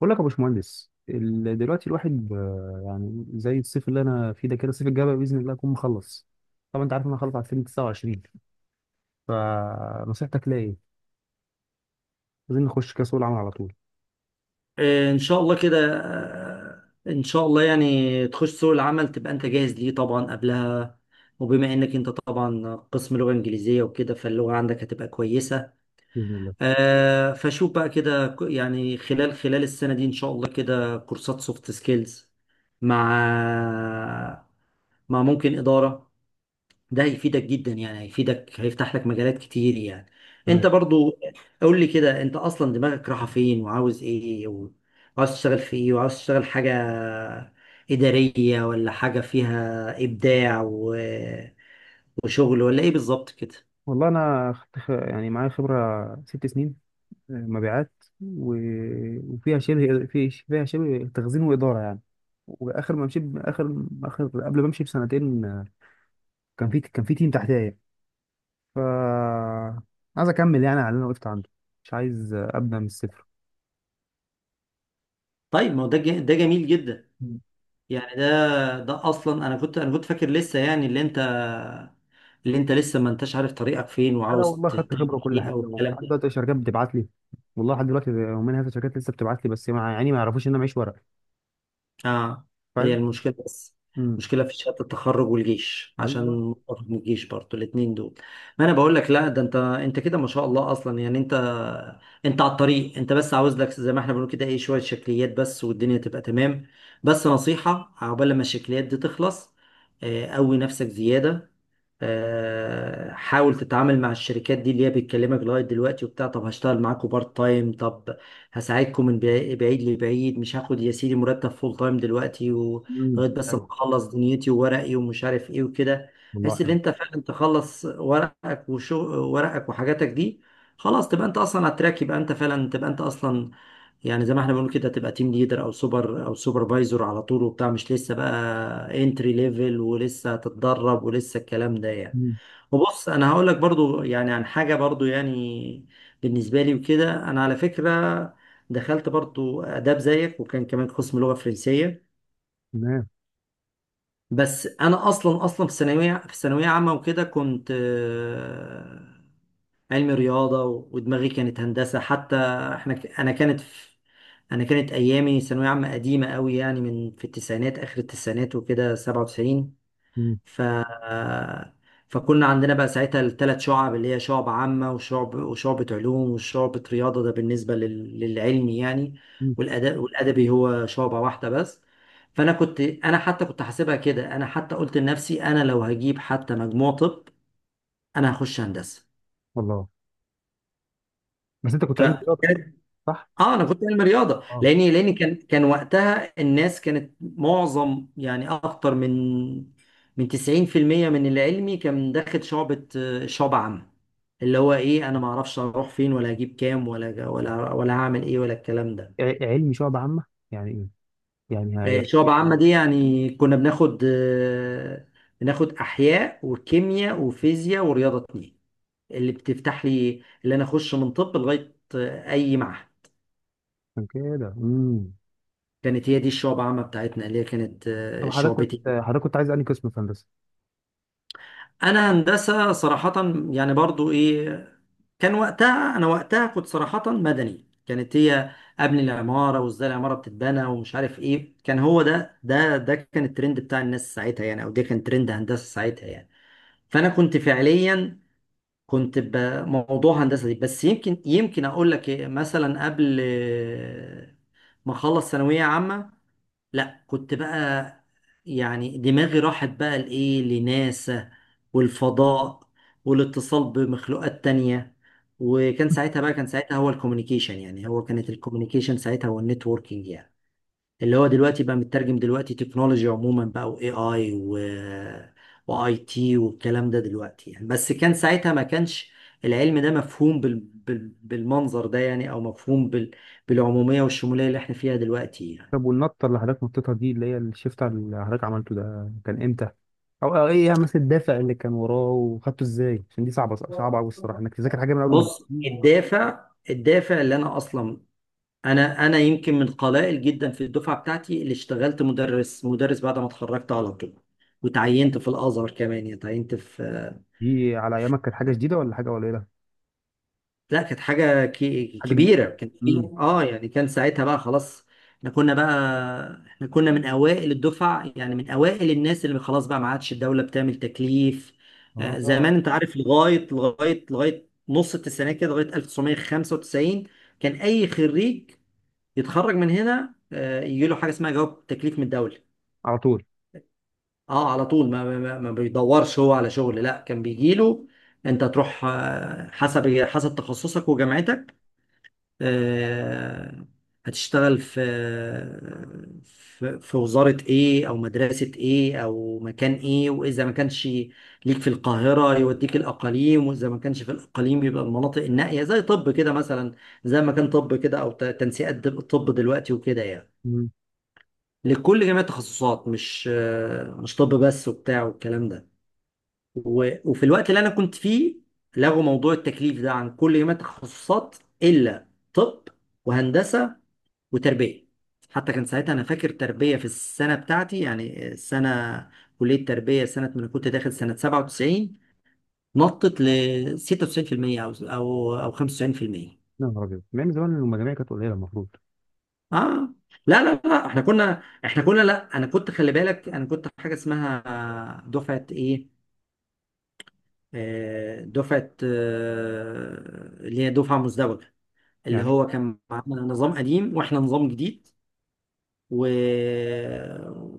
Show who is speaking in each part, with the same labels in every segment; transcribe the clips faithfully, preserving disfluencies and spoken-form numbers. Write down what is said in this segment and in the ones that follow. Speaker 1: بقول لك يا باشمهندس ال- دلوقتي الواحد ب- يعني زي الصيف اللي انا فيه ده كده، الصيف الجاي بقى باذن الله اكون مخلص. طبعا انت عارف إن انا خلصت على الفين وتسعة وعشرين. فنصيحتك ليا ايه؟ عايزين نخش كاس العالم على طول.
Speaker 2: آه، ان شاء الله كده آه، ان شاء الله يعني تخش سوق العمل تبقى انت جاهز ليه طبعا قبلها، وبما انك انت طبعا قسم لغة انجليزية وكده فاللغة عندك هتبقى كويسة.
Speaker 1: باذن الله.
Speaker 2: آه، فشوف بقى كده ك- يعني خلال خلال السنة دي ان شاء الله كده كورسات سوفت سكيلز مع مع ممكن إدارة. ده هيفيدك جدا، يعني هيفيدك هيفتح لك مجالات كتير يعني. انت
Speaker 1: تمام.
Speaker 2: برضو قول لي كده انت اصلا دماغك رايحه فين وعاوز ايه، وعاوز تشتغل في ايه، وعاوز تشتغل حاجه اداريه ولا حاجه فيها ابداع و... وشغل، ولا ايه بالظبط كده؟
Speaker 1: والله انا خدت خ- يعني معايا خبره ست سنين، آه، مبيعات. و... وفيها شبه في فيها شبه تخزين واداره يعني. واخر ما مشيت اخر اخر قبل ما امشي بسنتين، آه، كان في كان في تيم تحتيا يعني. ف عايز اكمل يعني على اللي انا وقفت عنده. مش عايز ابدا من الصفر.
Speaker 2: طيب ما هو ده ج- ده جميل جدا.
Speaker 1: مم.
Speaker 2: يعني ده ده اصلا انا كنت انا كنت فاكر لسه يعني اللي انت اللي انت لسه ما انتش عارف طريقك فين
Speaker 1: انا
Speaker 2: وعاوز
Speaker 1: والله خدت خبره
Speaker 2: تعمل
Speaker 1: وكل
Speaker 2: ايه
Speaker 1: حاجه،
Speaker 2: او
Speaker 1: وفي
Speaker 2: الكلام
Speaker 1: لحد
Speaker 2: ده.
Speaker 1: دلوقتي شركات بتبعت لي. والله لحد دلوقتي، ومنها في شركات لسه بتبعت لي، بس مع يعني ما يعرفوش ان انا معيش ورق.
Speaker 2: اه، هي
Speaker 1: فاهم.
Speaker 2: المشكلة بس،
Speaker 1: امم.
Speaker 2: مشكلة في شهادة التخرج والجيش، عشان
Speaker 1: ايوه.
Speaker 2: متفق من الجيش برضه الاتنين دول. ما انا بقول لك لا ده انت انت كده ما شاء الله اصلا يعني انت انت على الطريق، انت بس عاوز لك زي ما احنا بنقول كده ايه شوية شكليات بس والدنيا تبقى تمام. بس نصيحة، عقبال لما الشكليات دي تخلص آه، قوي نفسك زيادة. آه، حاول تتعامل مع الشركات دي اللي هي بتكلمك لغايه دلوقتي وبتاع، طب هشتغل معاكم بارت تايم، طب هساعدكم من بعي- بعيد لبعيد، مش هاخد يا سيدي مرتب فول تايم دلوقتي
Speaker 1: امم،
Speaker 2: ولغايه بس ما
Speaker 1: حلو.
Speaker 2: اخلص دنيتي وورقي ومش عارف ايه وكده،
Speaker 1: والله
Speaker 2: بحيث ان
Speaker 1: حلو.
Speaker 2: انت فعلا تخلص ورقك وشو ورقك وحاجاتك دي. خلاص تبقى انت اصلا على التراك، يبقى انت فعلا تبقى انت اصلا يعني زي ما احنا بنقول كده تبقى تيم ليدر او سوبر او سوبرفايزر على طول وبتاع، مش لسه بقى انتري ليفل ولسه هتتدرب ولسه الكلام ده يعني.
Speaker 1: امم.
Speaker 2: وبص انا هقول لك برضو يعني عن حاجه برضو يعني، بالنسبه لي وكده انا على فكره دخلت برضو اداب زيك وكان كمان قسم لغه فرنسيه.
Speaker 1: تمام.
Speaker 2: بس انا اصلا اصلا في ثانويه في ثانويه عامه وكده كنت آه، علمي رياضة و- ودماغي كانت هندسة حتى. احنا ك- انا كانت في انا كانت ايامي ثانوية عامة قديمة قوي يعني من في التسعينات اخر التسعينات وكده سبعة وتسعين.
Speaker 1: امم.
Speaker 2: ف فكنا عندنا بقى ساعتها الثلاث شعب اللي هي شعب عامة وشعب وشعبة علوم وشعبة رياضة، ده بالنسبة لل... للعلمي يعني.
Speaker 1: امم.
Speaker 2: والأدب والأدبي هو شعبة واحدة بس. فأنا كنت أنا حتى كنت حاسبها كده، أنا حتى قلت لنفسي أنا لو هجيب حتى مجموع طب أنا هخش هندسة.
Speaker 1: والله. بس انت كنت
Speaker 2: ف
Speaker 1: علمي رياضه،
Speaker 2: اه
Speaker 1: صح؟
Speaker 2: انا كنت علم رياضه
Speaker 1: اه.
Speaker 2: لاني لاني كان كان وقتها الناس كانت معظم يعني اكتر من من تسعين في المية من اللي علمي كان داخل شعبة شعبة عامة، اللي هو ايه انا ما اعرفش اروح فين ولا اجيب كام ولا ولا ولا هعمل ايه ولا الكلام ده.
Speaker 1: ع- علمي شعب عامه يعني ايه؟ يعني
Speaker 2: آه،
Speaker 1: هي-
Speaker 2: شعبة عامة
Speaker 1: يعني
Speaker 2: دي يعني كنا بناخد آه، بناخد احياء وكيمياء وفيزياء ورياضة اتنين، اللي بتفتح لي اللي انا اخش من طب لغاية آه، اي معهد.
Speaker 1: عشان كده. امم.
Speaker 2: كانت هي دي الشعب عامة بتاعتنا اللي هي كانت
Speaker 1: طب
Speaker 2: آه،
Speaker 1: حضرتك كنت
Speaker 2: شعبتي.
Speaker 1: حضرتك كنت عايز انهي قسم في هندسه؟
Speaker 2: انا هندسة صراحة يعني برضو ايه، كان وقتها انا وقتها كنت صراحة مدني، كانت هي قبل العمارة وازاي العمارة بتتبنى ومش عارف ايه، كان هو ده ده ده كان الترند بتاع الناس ساعتها يعني، او ده كان ترند هندسة ساعتها يعني. فانا كنت فعليا كنت بموضوع هندسة دي، بس يمكن يمكن اقول لك إيه، مثلا قبل آه، ما اخلص ثانوية عامة لا كنت بقى يعني دماغي راحت بقى لإيه لناسا والفضاء والاتصال بمخلوقات تانية. وكان ساعتها بقى كان ساعتها هو الكوميونيكيشن، يعني هو كانت الكوميونيكيشن ساعتها هو النتوركينج يعني، اللي هو دلوقتي بقى مترجم دلوقتي تكنولوجي عموما بقى، واي اي و واي تي والكلام ده دلوقتي يعني. بس كان ساعتها ما كانش العلم ده مفهوم بال... بال... بالمنظر ده يعني، او مفهوم بال... بالعمومية والشمولية اللي احنا فيها دلوقتي يعني.
Speaker 1: طب والنطة اللي حضرتك نطيتها دي، اللي هي الشيفت اللي حضرتك عملته ده، كان امتى؟ او أو ايه مثلا الدافع اللي كان وراه وخدته ازاي؟ عشان دي صعبة صعبة قوي الصراحة انك تذاكر حاجة من اول وجديد
Speaker 2: بص،
Speaker 1: دي.
Speaker 2: الدافع الدافع اللي انا اصلا، انا انا يمكن من القلائل جدا في الدفعه بتاعتي اللي اشتغلت مدرس مدرس بعد ما اتخرجت على طول، وتعينت في الازهر كمان، يعني تعينت في.
Speaker 1: دي على ايامك كانت حاجة جديدة ولا حاجة قليلة؟
Speaker 2: لا كانت حاجه كي-
Speaker 1: حاجة
Speaker 2: كبيره،
Speaker 1: كبيرة.
Speaker 2: كان في
Speaker 1: امم.
Speaker 2: اه يعني كان ساعتها بقى خلاص احنا كنا بقى احنا كنا من اوائل الدفعه يعني من اوائل الناس، اللي خلاص بقى ما عادش الدوله بتعمل تكليف. آه، زمان
Speaker 1: اه،
Speaker 2: انت عارف لغايه لغايه لغايه نص التسعينات كده، لغايه الف وتسعمية وخمسة وتسعين كان اي خريج يتخرج من هنا آه، يجي له حاجه اسمها جواب تكليف من الدوله.
Speaker 1: على طول.
Speaker 2: اه على طول، ما, ما, ما ما بيدورش هو على شغل، لا كان بيجي له انت تروح آه، حسب حسب تخصصك وجامعتك، آه، هتشتغل في في في وزاره ايه او مدرسه ايه او مكان ايه، واذا ما كانش ليك في القاهره يوديك الاقاليم، واذا ما كانش في الاقاليم يبقى المناطق النائيه زي طب كده مثلا، زي ما كان طب كده، او ت- تنسيقات طب دلوقتي وكده يعني،
Speaker 1: امم.
Speaker 2: لكل جميع التخصصات، مش آه، مش طب بس وبتاع والكلام ده. و- وفي الوقت اللي انا كنت فيه لغوا موضوع التكليف ده عن كل جميع التخصصات الا طب وهندسه وتربيه. حتى كان ساعتها انا فاكر تربيه في السنه بتاعتي يعني السنه، كليه تربيه سنه ما انا كنت داخل سنه سبعة وتسعين نطت ل ستة وتسعين بالمية او او او خمسة وتسعين بالمية.
Speaker 1: يا نهار ابيض، ما من زمان المجاميع كانت قليلة المفروض.
Speaker 2: اه لا لا لا احنا كنا احنا كنا لا انا كنت خلي بالك، انا كنت حاجه اسمها دفعه ايه، آه، دفعه آه، اللي هي دفعه مزدوجه، اللي
Speaker 1: يعني،
Speaker 2: هو كان معانا نظام قديم واحنا نظام جديد و...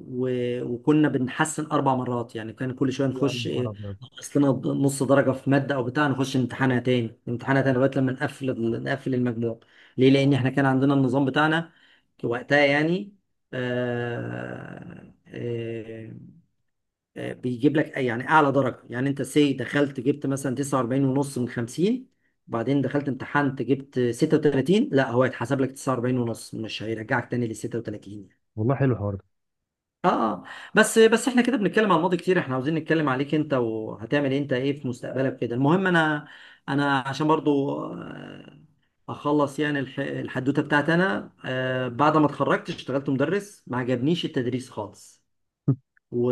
Speaker 2: و... وكنا بنحسن اربع مرات، يعني كان كل شويه
Speaker 1: يا
Speaker 2: نخش
Speaker 1: نهار
Speaker 2: إيه،
Speaker 1: ابيض.
Speaker 2: نقص لنا نص درجه في ماده او بتاع نخش امتحانها تاني امتحانها تاني لغايه لما نقفل ال- نقفل المجموع. ليه؟ لان احنا كان عندنا النظام بتاعنا وقتها يعني، آه... آه... آه، بيجيب لك يعني اعلى درجه، يعني انت سي دخلت جبت مثلا تسعة واربعين ونص من خمسين، وبعدين دخلت امتحنت جبت ستة وتلاتين، لا هو هيتحسب لك تسعة واربعين ونص مش هيرجعك تاني لل ستة وتلاتين.
Speaker 1: والله حلو الحوار ده.
Speaker 2: اه بس بس احنا كده بنتكلم على الماضي كتير، احنا عاوزين نتكلم عليك انت وهتعمل إيه، انت ايه في مستقبلك كده. المهم انا انا عشان برضو آه، اخلص يعني الح- الحدوته بتاعتي، انا آه، بعد ما اتخرجت اشتغلت مدرس، ما عجبنيش التدريس خالص، و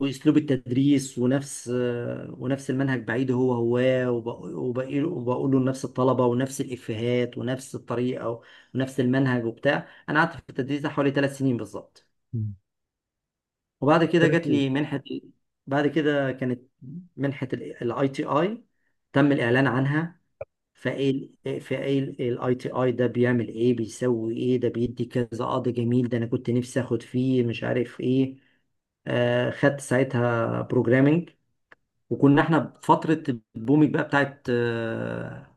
Speaker 2: واسلوب التدريس ونفس آه، ونفس المنهج بعيد هو هو، وبق- وبق- وبقوله لنفس الطلبه ونفس الافيهات ونفس الطريقه ونفس المنهج وبتاع. انا قعدت في التدريس ده حوالي ثلاث سنين بالظبط،
Speaker 1: مم.
Speaker 2: وبعد كده
Speaker 1: عارف
Speaker 2: جات
Speaker 1: ايه؟
Speaker 2: لي منحة. بعد كده كانت منحة الاي تي اي تم الاعلان عنها. فايه فايه الاي تي اي ده، بيعمل ايه بيسوي ايه، ده بيدي كذا قاضي جميل، ده انا كنت نفسي اخد فيه مش عارف ايه. آه خدت ساعتها بروجرامنج، وكنا احنا بفترة البوميك بقى بتاعت آه،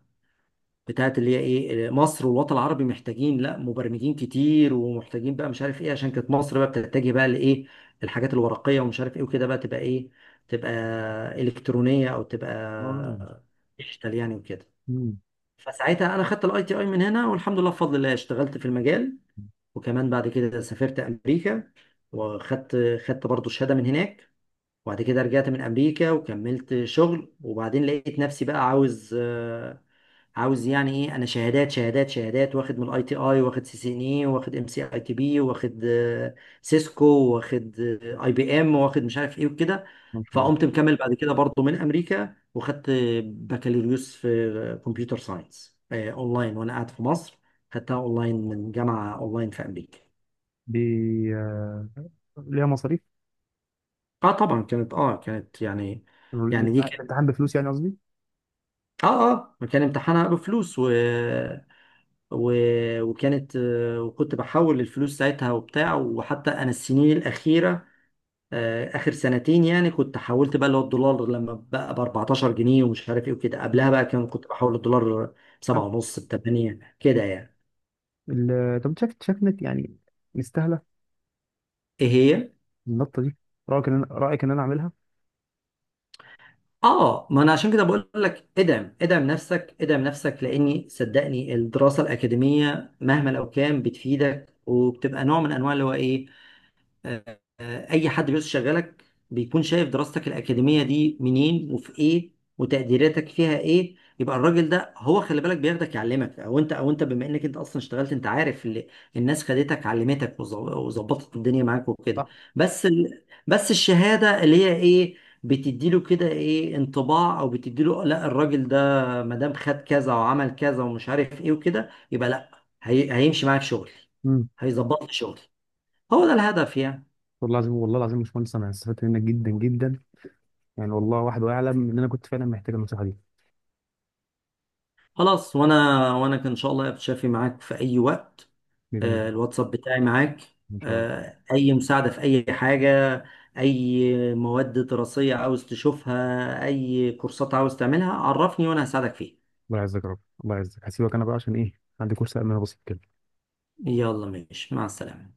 Speaker 2: بتاعت اللي هي ايه، مصر والوطن العربي محتاجين لا مبرمجين كتير ومحتاجين بقى مش عارف ايه، عشان كانت مصر بقى بتتجه بقى لايه الحاجات الورقيه ومش عارف ايه وكده بقى، تبقى ايه، تبقى الكترونيه او
Speaker 1: اه.
Speaker 2: تبقى ديجيتال يعني وكده.
Speaker 1: امم.
Speaker 2: فساعتها انا خدت الاي تي اي من هنا، والحمد لله بفضل الله اشتغلت في المجال، وكمان بعد كده سافرت امريكا وخدت خدت برضو شهاده من هناك، وبعد كده رجعت من امريكا وكملت شغل. وبعدين لقيت نفسي بقى عاوز آه، عاوز يعني ايه، انا شهادات شهادات شهادات واخد من الاي تي اي واخد سي سي ان اي واخد ام سي اي تي بي واخد آه، سيسكو واخد آه، اي بي ام واخد مش عارف ايه وكده.
Speaker 1: ما شاء الله.
Speaker 2: فقمت مكمل بعد كده برضه من امريكا وخدت بكالوريوس في كمبيوتر ساينس آه، اونلاين وانا قاعد في مصر، خدتها اونلاين من جامعه اونلاين في امريكا.
Speaker 1: بي... آه، ليها مصاريف.
Speaker 2: اه طبعا كانت، اه كانت يعني، يعني دي
Speaker 1: الامتحان بفلوس يعني، قصدي.
Speaker 2: اه، اه كان امتحانها بفلوس و... و... وكانت آه، وكنت بحول الفلوس ساعتها وبتاع، وحتى انا السنين الاخيره آه، اخر سنتين يعني كنت حولت بقى اللي هو الدولار لما بقى ب اربعتاشر جنيه ومش عارف ايه وكده، قبلها بقى كان كنت بحول الدولار ب سبعة ونص ب تمنية كده
Speaker 1: مم.
Speaker 2: يعني.
Speaker 1: ال- طب شايف شايف انك يعني مستاهله
Speaker 2: ايه هي،
Speaker 1: النطه دي. رايك ان انا رايك ان انا اعملها؟
Speaker 2: اه ما انا عشان كده بقول لك ادعم ادعم نفسك ادعم نفسك لاني صدقني الدراسه الاكاديميه مهما لو كان بتفيدك وبتبقى نوع من انواع اللي هو ايه، آه، آه، اي حد بيشغلك بيكون شايف دراستك الاكاديميه دي منين وفي ايه وتقديراتك فيها ايه، يبقى الراجل ده هو خلي بالك بياخدك يعلمك، او انت او انت بما انك انت اصلا اشتغلت انت عارف، اللي الناس خدتك علمتك وظ- وظبطت الدنيا معاك وكده،
Speaker 1: صح.
Speaker 2: بس ال... بس الشهاده اللي هي ايه بتديله كده ايه انطباع، او بتديله لا الراجل ده ما دام خد كذا وعمل كذا ومش عارف ايه وكده يبقى لا هي... هيمشي معاك شغل،
Speaker 1: امم.
Speaker 2: هيظبط لي شغل. هو ده الهدف يعني.
Speaker 1: والله العظيم، والله العظيم يا باشمهندس، انا استفدت منك جدا جدا. يعني والله واحد واعلم ان انا كنت فعلا محتاج النصيحه دي.
Speaker 2: خلاص، وانا وانا كان ان شاء الله يا بتشافي معاك في اي وقت.
Speaker 1: باذن الله
Speaker 2: آه،
Speaker 1: يا رب.
Speaker 2: الواتساب بتاعي معاك،
Speaker 1: ان شاء الله.
Speaker 2: آه، اي مساعدة في اي حاجة، اي مواد دراسية عاوز تشوفها، اي كورسات عاوز تعملها عرفني وانا هساعدك فيها.
Speaker 1: الله يعزك يا رب. الله يعزك. هسيبك انا بقى عشان ايه، عندي كورس امن بسيط كده.
Speaker 2: يلا ماشي، مع السلامة.